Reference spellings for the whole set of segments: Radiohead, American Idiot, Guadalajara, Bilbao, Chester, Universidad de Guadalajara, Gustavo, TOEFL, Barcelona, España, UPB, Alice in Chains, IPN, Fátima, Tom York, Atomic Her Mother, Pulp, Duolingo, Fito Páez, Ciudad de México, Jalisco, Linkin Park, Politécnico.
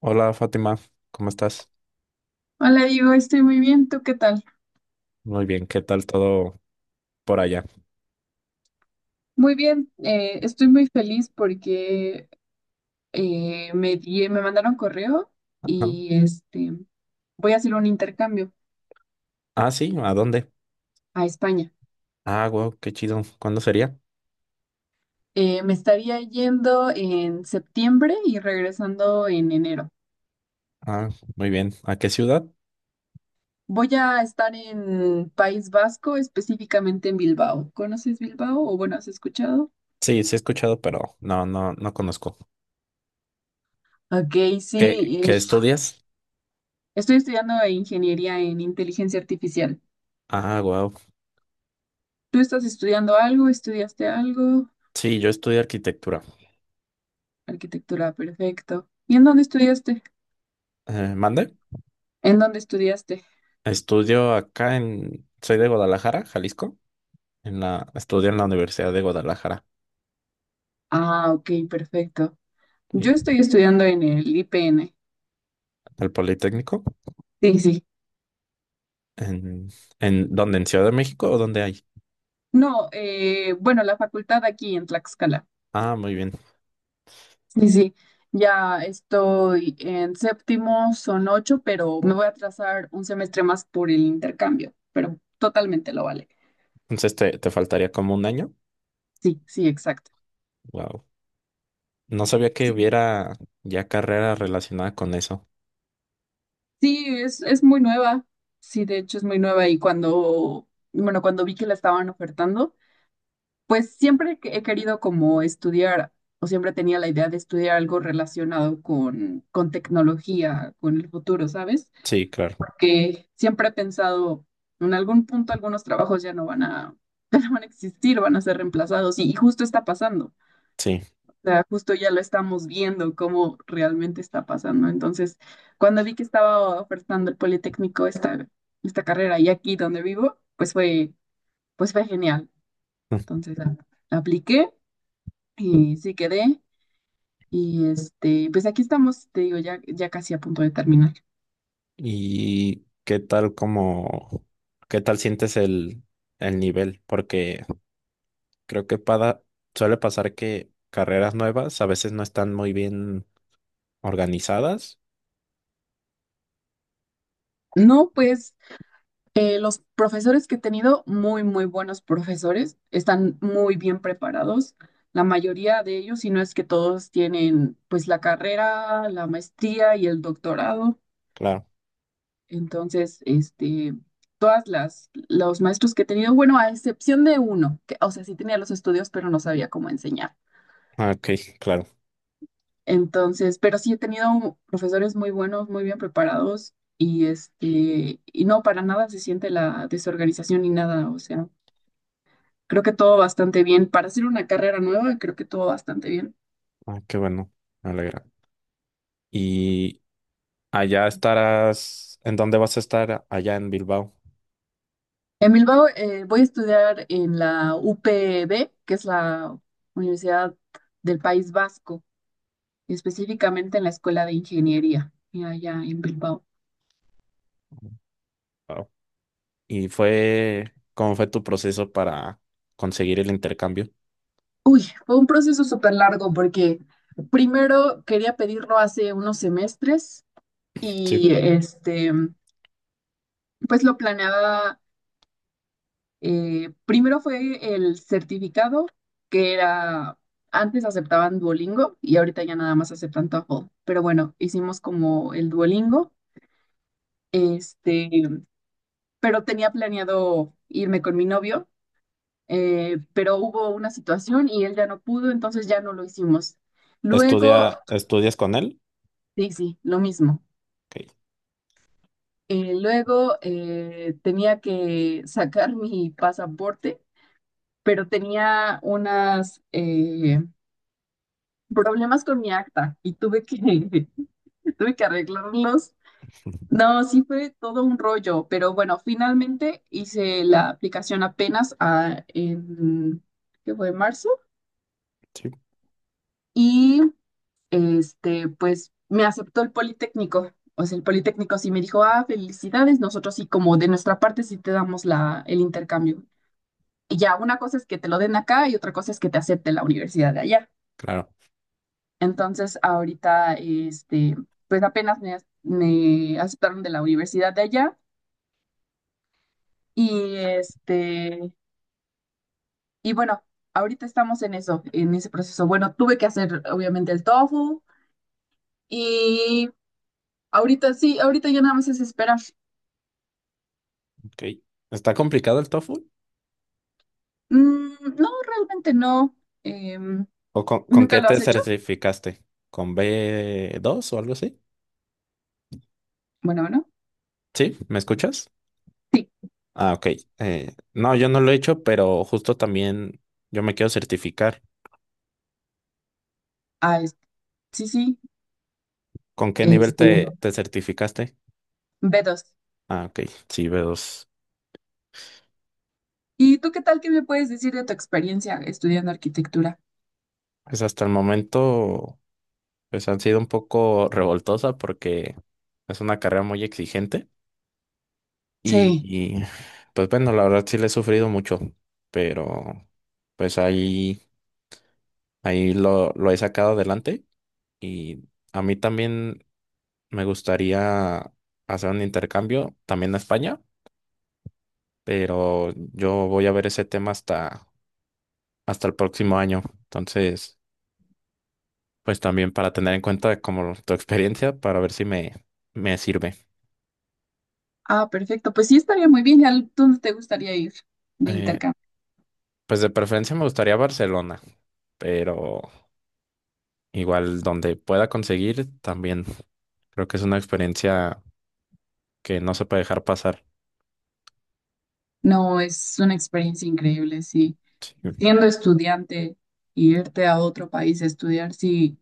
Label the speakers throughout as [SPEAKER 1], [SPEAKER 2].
[SPEAKER 1] Hola Fátima, ¿cómo estás?
[SPEAKER 2] Hola, Diego, estoy muy bien. ¿Tú qué tal?
[SPEAKER 1] Muy bien, ¿qué tal todo por allá?
[SPEAKER 2] Muy bien, estoy muy feliz porque me mandaron correo
[SPEAKER 1] Ajá.
[SPEAKER 2] y voy a hacer un intercambio
[SPEAKER 1] Ah, sí, ¿a dónde?
[SPEAKER 2] a España.
[SPEAKER 1] Ah, wow, qué chido. ¿Cuándo sería?
[SPEAKER 2] Me estaría yendo en septiembre y regresando en enero.
[SPEAKER 1] Ah, muy bien. ¿A qué ciudad?
[SPEAKER 2] Voy a estar en País Vasco, específicamente en Bilbao. ¿Conoces Bilbao? O bueno, ¿has escuchado?
[SPEAKER 1] Sí, sí he escuchado, pero no, no conozco.
[SPEAKER 2] Ok, sí.
[SPEAKER 1] ¿Qué, qué estudias?
[SPEAKER 2] Estoy estudiando ingeniería en inteligencia artificial.
[SPEAKER 1] Ah, wow.
[SPEAKER 2] ¿Tú estás estudiando algo? ¿Estudiaste algo?
[SPEAKER 1] Sí, yo estudio arquitectura.
[SPEAKER 2] Arquitectura, perfecto. ¿Y en dónde estudiaste?
[SPEAKER 1] ¿Mande?
[SPEAKER 2] ¿En dónde estudiaste?
[SPEAKER 1] Estudio acá en, soy de Guadalajara, Jalisco. En la, estudio en la Universidad de Guadalajara,
[SPEAKER 2] Ah, ok, perfecto.
[SPEAKER 1] y
[SPEAKER 2] Yo estoy estudiando en el IPN.
[SPEAKER 1] el Politécnico.
[SPEAKER 2] Sí, sí.
[SPEAKER 1] ¿En, en dónde? ¿En Ciudad de México o dónde hay?
[SPEAKER 2] No, bueno, la facultad aquí en Tlaxcala.
[SPEAKER 1] Ah, muy bien.
[SPEAKER 2] Sí, sí. Ya estoy en séptimo, son ocho, pero me voy a atrasar un semestre más por el intercambio, pero totalmente lo vale.
[SPEAKER 1] Entonces te faltaría como un año.
[SPEAKER 2] Sí, sí, exacto.
[SPEAKER 1] Wow. No sabía que
[SPEAKER 2] Sí,
[SPEAKER 1] hubiera ya carrera relacionada con eso.
[SPEAKER 2] sí, es muy nueva. Sí, de hecho es muy nueva y cuando, bueno, cuando vi que la estaban ofertando, pues siempre que he querido como estudiar, o siempre tenía la idea de estudiar algo relacionado con tecnología, con el futuro, ¿sabes?
[SPEAKER 1] Sí, claro.
[SPEAKER 2] Que siempre he pensado, en algún punto algunos trabajos ya no van a, ya no van a existir, van a ser reemplazados, y justo está pasando.
[SPEAKER 1] Sí.
[SPEAKER 2] O sea, justo ya lo estamos viendo cómo realmente está pasando. Entonces, cuando vi que estaba ofertando el Politécnico esta carrera y aquí donde vivo, pues fue genial. Entonces, apliqué. Y sí quedé. Y pues aquí estamos, te digo, ya casi a punto de terminar.
[SPEAKER 1] ¿Y qué tal como, qué tal sientes el nivel? Porque creo que suele pasar que carreras nuevas a veces no están muy bien organizadas.
[SPEAKER 2] No, pues los profesores que he tenido, muy buenos profesores, están muy bien preparados. La mayoría de ellos, si no es que todos tienen pues la carrera, la maestría y el doctorado.
[SPEAKER 1] Claro.
[SPEAKER 2] Entonces, todas los maestros que he tenido, bueno, a excepción de uno, que, o sea, sí tenía los estudios, pero no sabía cómo enseñar.
[SPEAKER 1] Ah, ok, claro.
[SPEAKER 2] Entonces, pero sí he tenido profesores muy buenos, muy bien preparados y y no, para nada se siente la desorganización ni nada, o sea, creo que todo bastante bien. Para hacer una carrera nueva, creo que todo bastante bien.
[SPEAKER 1] Ah, qué bueno. Me alegra. ¿Y allá estarás? ¿En dónde vas a estar allá en Bilbao?
[SPEAKER 2] En Bilbao, voy a estudiar en la UPB, que es la Universidad del País Vasco, específicamente en la Escuela de Ingeniería, y allá en Bilbao.
[SPEAKER 1] Wao. ¿Y fue, cómo fue tu proceso para conseguir el intercambio?
[SPEAKER 2] Uy, fue un proceso súper largo porque primero quería pedirlo hace unos semestres y
[SPEAKER 1] Sí.
[SPEAKER 2] pues lo planeaba, primero fue el certificado, que era, antes aceptaban Duolingo y ahorita ya nada más aceptan TOEFL, pero bueno, hicimos como el Duolingo, este, pero tenía planeado irme con mi novio, pero hubo una situación y él ya no pudo, entonces ya no lo hicimos. Luego,
[SPEAKER 1] ¿Estudia, estudias con él?
[SPEAKER 2] sí, sí, lo mismo.
[SPEAKER 1] Ok.
[SPEAKER 2] Luego tenía que sacar mi pasaporte pero tenía unos problemas con mi acta y tuve que arreglarlos. No, sí fue todo un rollo, pero bueno, finalmente hice la aplicación apenas ¿qué fue? Marzo
[SPEAKER 1] Sí,
[SPEAKER 2] y pues me aceptó el Politécnico. O sea, el Politécnico sí me dijo, ah, felicidades, nosotros sí, como de nuestra parte sí te damos el intercambio. Y ya, una cosa es que te lo den acá y otra cosa es que te acepte la universidad de allá.
[SPEAKER 1] claro.
[SPEAKER 2] Entonces, ahorita, pues me aceptaron de la universidad de allá y y bueno, ahorita estamos en eso, en ese proceso. Bueno, tuve que hacer obviamente el tofu y ahorita sí, ahorita ya nada más es esperar.
[SPEAKER 1] Ok. ¿Está complicado el TOEFL?
[SPEAKER 2] Mm, no, realmente no. Em,
[SPEAKER 1] ¿O con
[SPEAKER 2] ¿Nunca
[SPEAKER 1] qué
[SPEAKER 2] lo has
[SPEAKER 1] te
[SPEAKER 2] hecho?
[SPEAKER 1] certificaste? ¿Con B dos o algo así?
[SPEAKER 2] Bueno, bueno.
[SPEAKER 1] Sí, ¿me escuchas?
[SPEAKER 2] Sí,
[SPEAKER 1] Ah, ok. No, yo no lo he hecho, pero justo también yo me quiero certificar.
[SPEAKER 2] ah, es- sí,
[SPEAKER 1] ¿Con qué nivel
[SPEAKER 2] este,
[SPEAKER 1] te certificaste?
[SPEAKER 2] B2.
[SPEAKER 1] Ah, ok. Sí, b dos.
[SPEAKER 2] ¿Y tú qué tal? ¿Qué me puedes decir de tu experiencia estudiando arquitectura?
[SPEAKER 1] Pues hasta el momento. Pues han sido un poco revoltosas porque es una carrera muy exigente y,
[SPEAKER 2] Sí.
[SPEAKER 1] y, pues bueno, la verdad sí le he sufrido mucho, pero pues ahí, ahí lo he sacado adelante y a mí también me gustaría hacer un intercambio también a España, pero yo voy a ver ese tema hasta, hasta el próximo año. Entonces, pues también para tener en cuenta como tu experiencia para ver si me sirve.
[SPEAKER 2] Ah, perfecto. Pues sí, estaría muy bien. ¿Y a dónde te gustaría ir de
[SPEAKER 1] Eh,
[SPEAKER 2] intercambio?
[SPEAKER 1] Pues de preferencia me gustaría Barcelona, pero igual donde pueda conseguir también. Creo que es una experiencia que no se puede dejar pasar.
[SPEAKER 2] No, es una experiencia increíble, sí.
[SPEAKER 1] Sí,
[SPEAKER 2] Siendo estudiante, irte a otro país a estudiar, sí,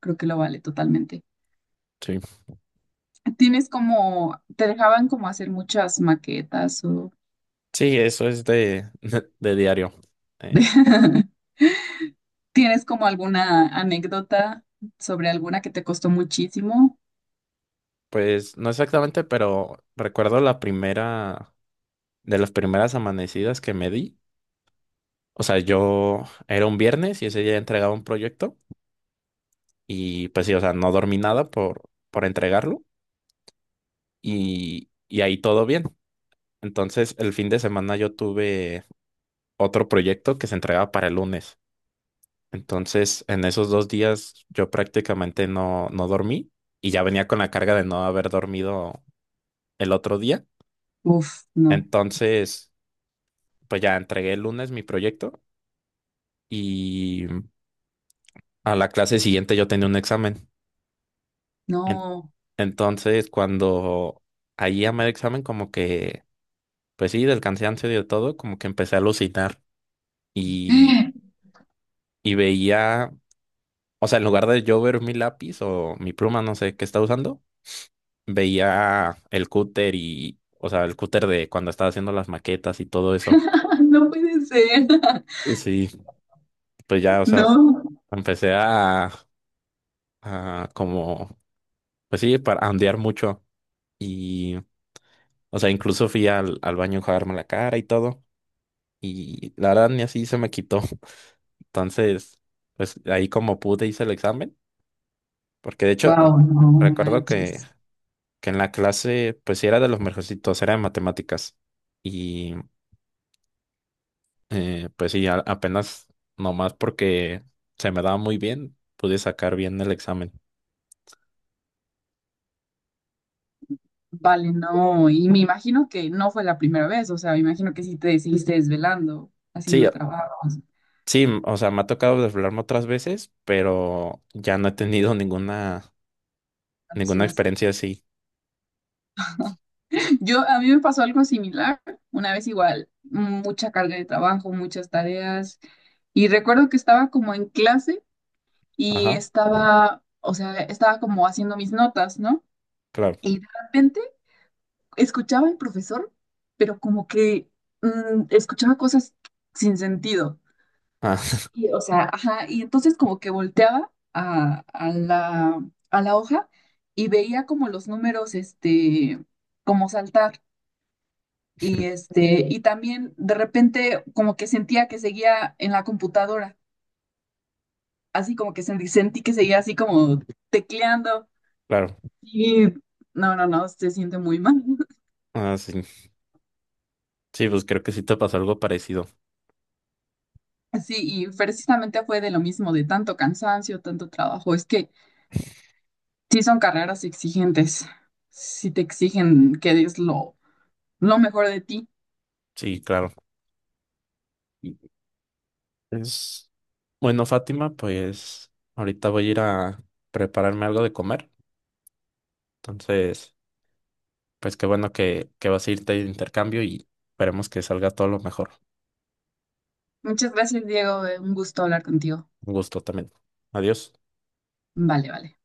[SPEAKER 2] creo que lo vale totalmente.
[SPEAKER 1] sí.
[SPEAKER 2] ¿Tienes como, te dejaban como hacer muchas maquetas o
[SPEAKER 1] Sí, eso es de, de diario. Eh,
[SPEAKER 2] tienes como alguna anécdota sobre alguna que te costó muchísimo?
[SPEAKER 1] pues no exactamente, pero recuerdo la primera, de las primeras amanecidas que me di. O sea, yo era un viernes y ese día entregaba un proyecto y pues sí, o sea, no dormí nada por, por entregarlo y ahí todo bien. Entonces, el fin de semana yo tuve otro proyecto que se entregaba para el lunes. Entonces, en esos dos días yo prácticamente no dormí y ya venía con la carga de no haber dormido el otro día.
[SPEAKER 2] Uf,
[SPEAKER 1] Entonces, pues ya entregué el lunes mi proyecto y a la clase siguiente yo tenía un examen. En-
[SPEAKER 2] no,
[SPEAKER 1] entonces, cuando ahí a medio examen, como que, pues sí, del cansancio y de todo, como que empecé a alucinar y, y veía, o sea, en lugar de yo ver mi lápiz o mi pluma, no sé qué estaba usando, veía el cúter y, o sea, el cúter de cuando estaba haciendo las maquetas y todo eso.
[SPEAKER 2] no puede ser.
[SPEAKER 1] Sí, pues ya, o sea,
[SPEAKER 2] No.
[SPEAKER 1] empecé a como, pues sí, para ondear mucho y, o sea, incluso fui al, al baño a enjuagarme la cara y todo y la verdad ni así se me quitó. Entonces, pues ahí como pude hice el examen, porque de hecho
[SPEAKER 2] Wow, no
[SPEAKER 1] recuerdo
[SPEAKER 2] manches.
[SPEAKER 1] que en la clase, pues sí era de los mejorcitos, era de matemáticas. Y pues sí, apenas nomás porque se me daba muy bien, pude sacar bien el examen.
[SPEAKER 2] Vale, no, y me imagino que no fue la primera vez, o sea, me imagino que sí te seguiste desvelando,
[SPEAKER 1] Sí,
[SPEAKER 2] haciendo trabajos,
[SPEAKER 1] sí, o sea, me ha tocado desvelarme otras veces, pero ya no he tenido ninguna, ninguna
[SPEAKER 2] alucinación.
[SPEAKER 1] experiencia así.
[SPEAKER 2] Yo, a mí me pasó algo similar, una vez igual, mucha carga de trabajo, muchas tareas, y recuerdo que estaba como en clase y
[SPEAKER 1] Ajá,
[SPEAKER 2] estaba, o sea, estaba como haciendo mis notas, ¿no?
[SPEAKER 1] claro.
[SPEAKER 2] Y de repente escuchaba al profesor, pero como que escuchaba cosas sin sentido.
[SPEAKER 1] Ah,
[SPEAKER 2] Y, o sea, ajá, y entonces como que volteaba a la hoja y veía como los números, como saltar. Y y también de repente como que sentía que seguía en la computadora, así como que sentí que seguía así como tecleando.
[SPEAKER 1] claro.
[SPEAKER 2] Y no, se siente muy mal.
[SPEAKER 1] Ah, sí. Sí, pues creo que sí te pasó algo parecido.
[SPEAKER 2] Sí, y precisamente fue de lo mismo, de tanto cansancio, tanto trabajo. Es que sí son carreras exigentes, sí te exigen que des lo mejor de ti.
[SPEAKER 1] Sí, claro. Y- es... Bueno, Fátima, pues ahorita voy a ir a prepararme algo de comer. Entonces... Pues qué bueno que vas a irte de intercambio y esperemos que salga todo lo mejor.
[SPEAKER 2] Muchas gracias, Diego. Un gusto hablar contigo.
[SPEAKER 1] Un gusto también. Adiós.
[SPEAKER 2] Vale, vale.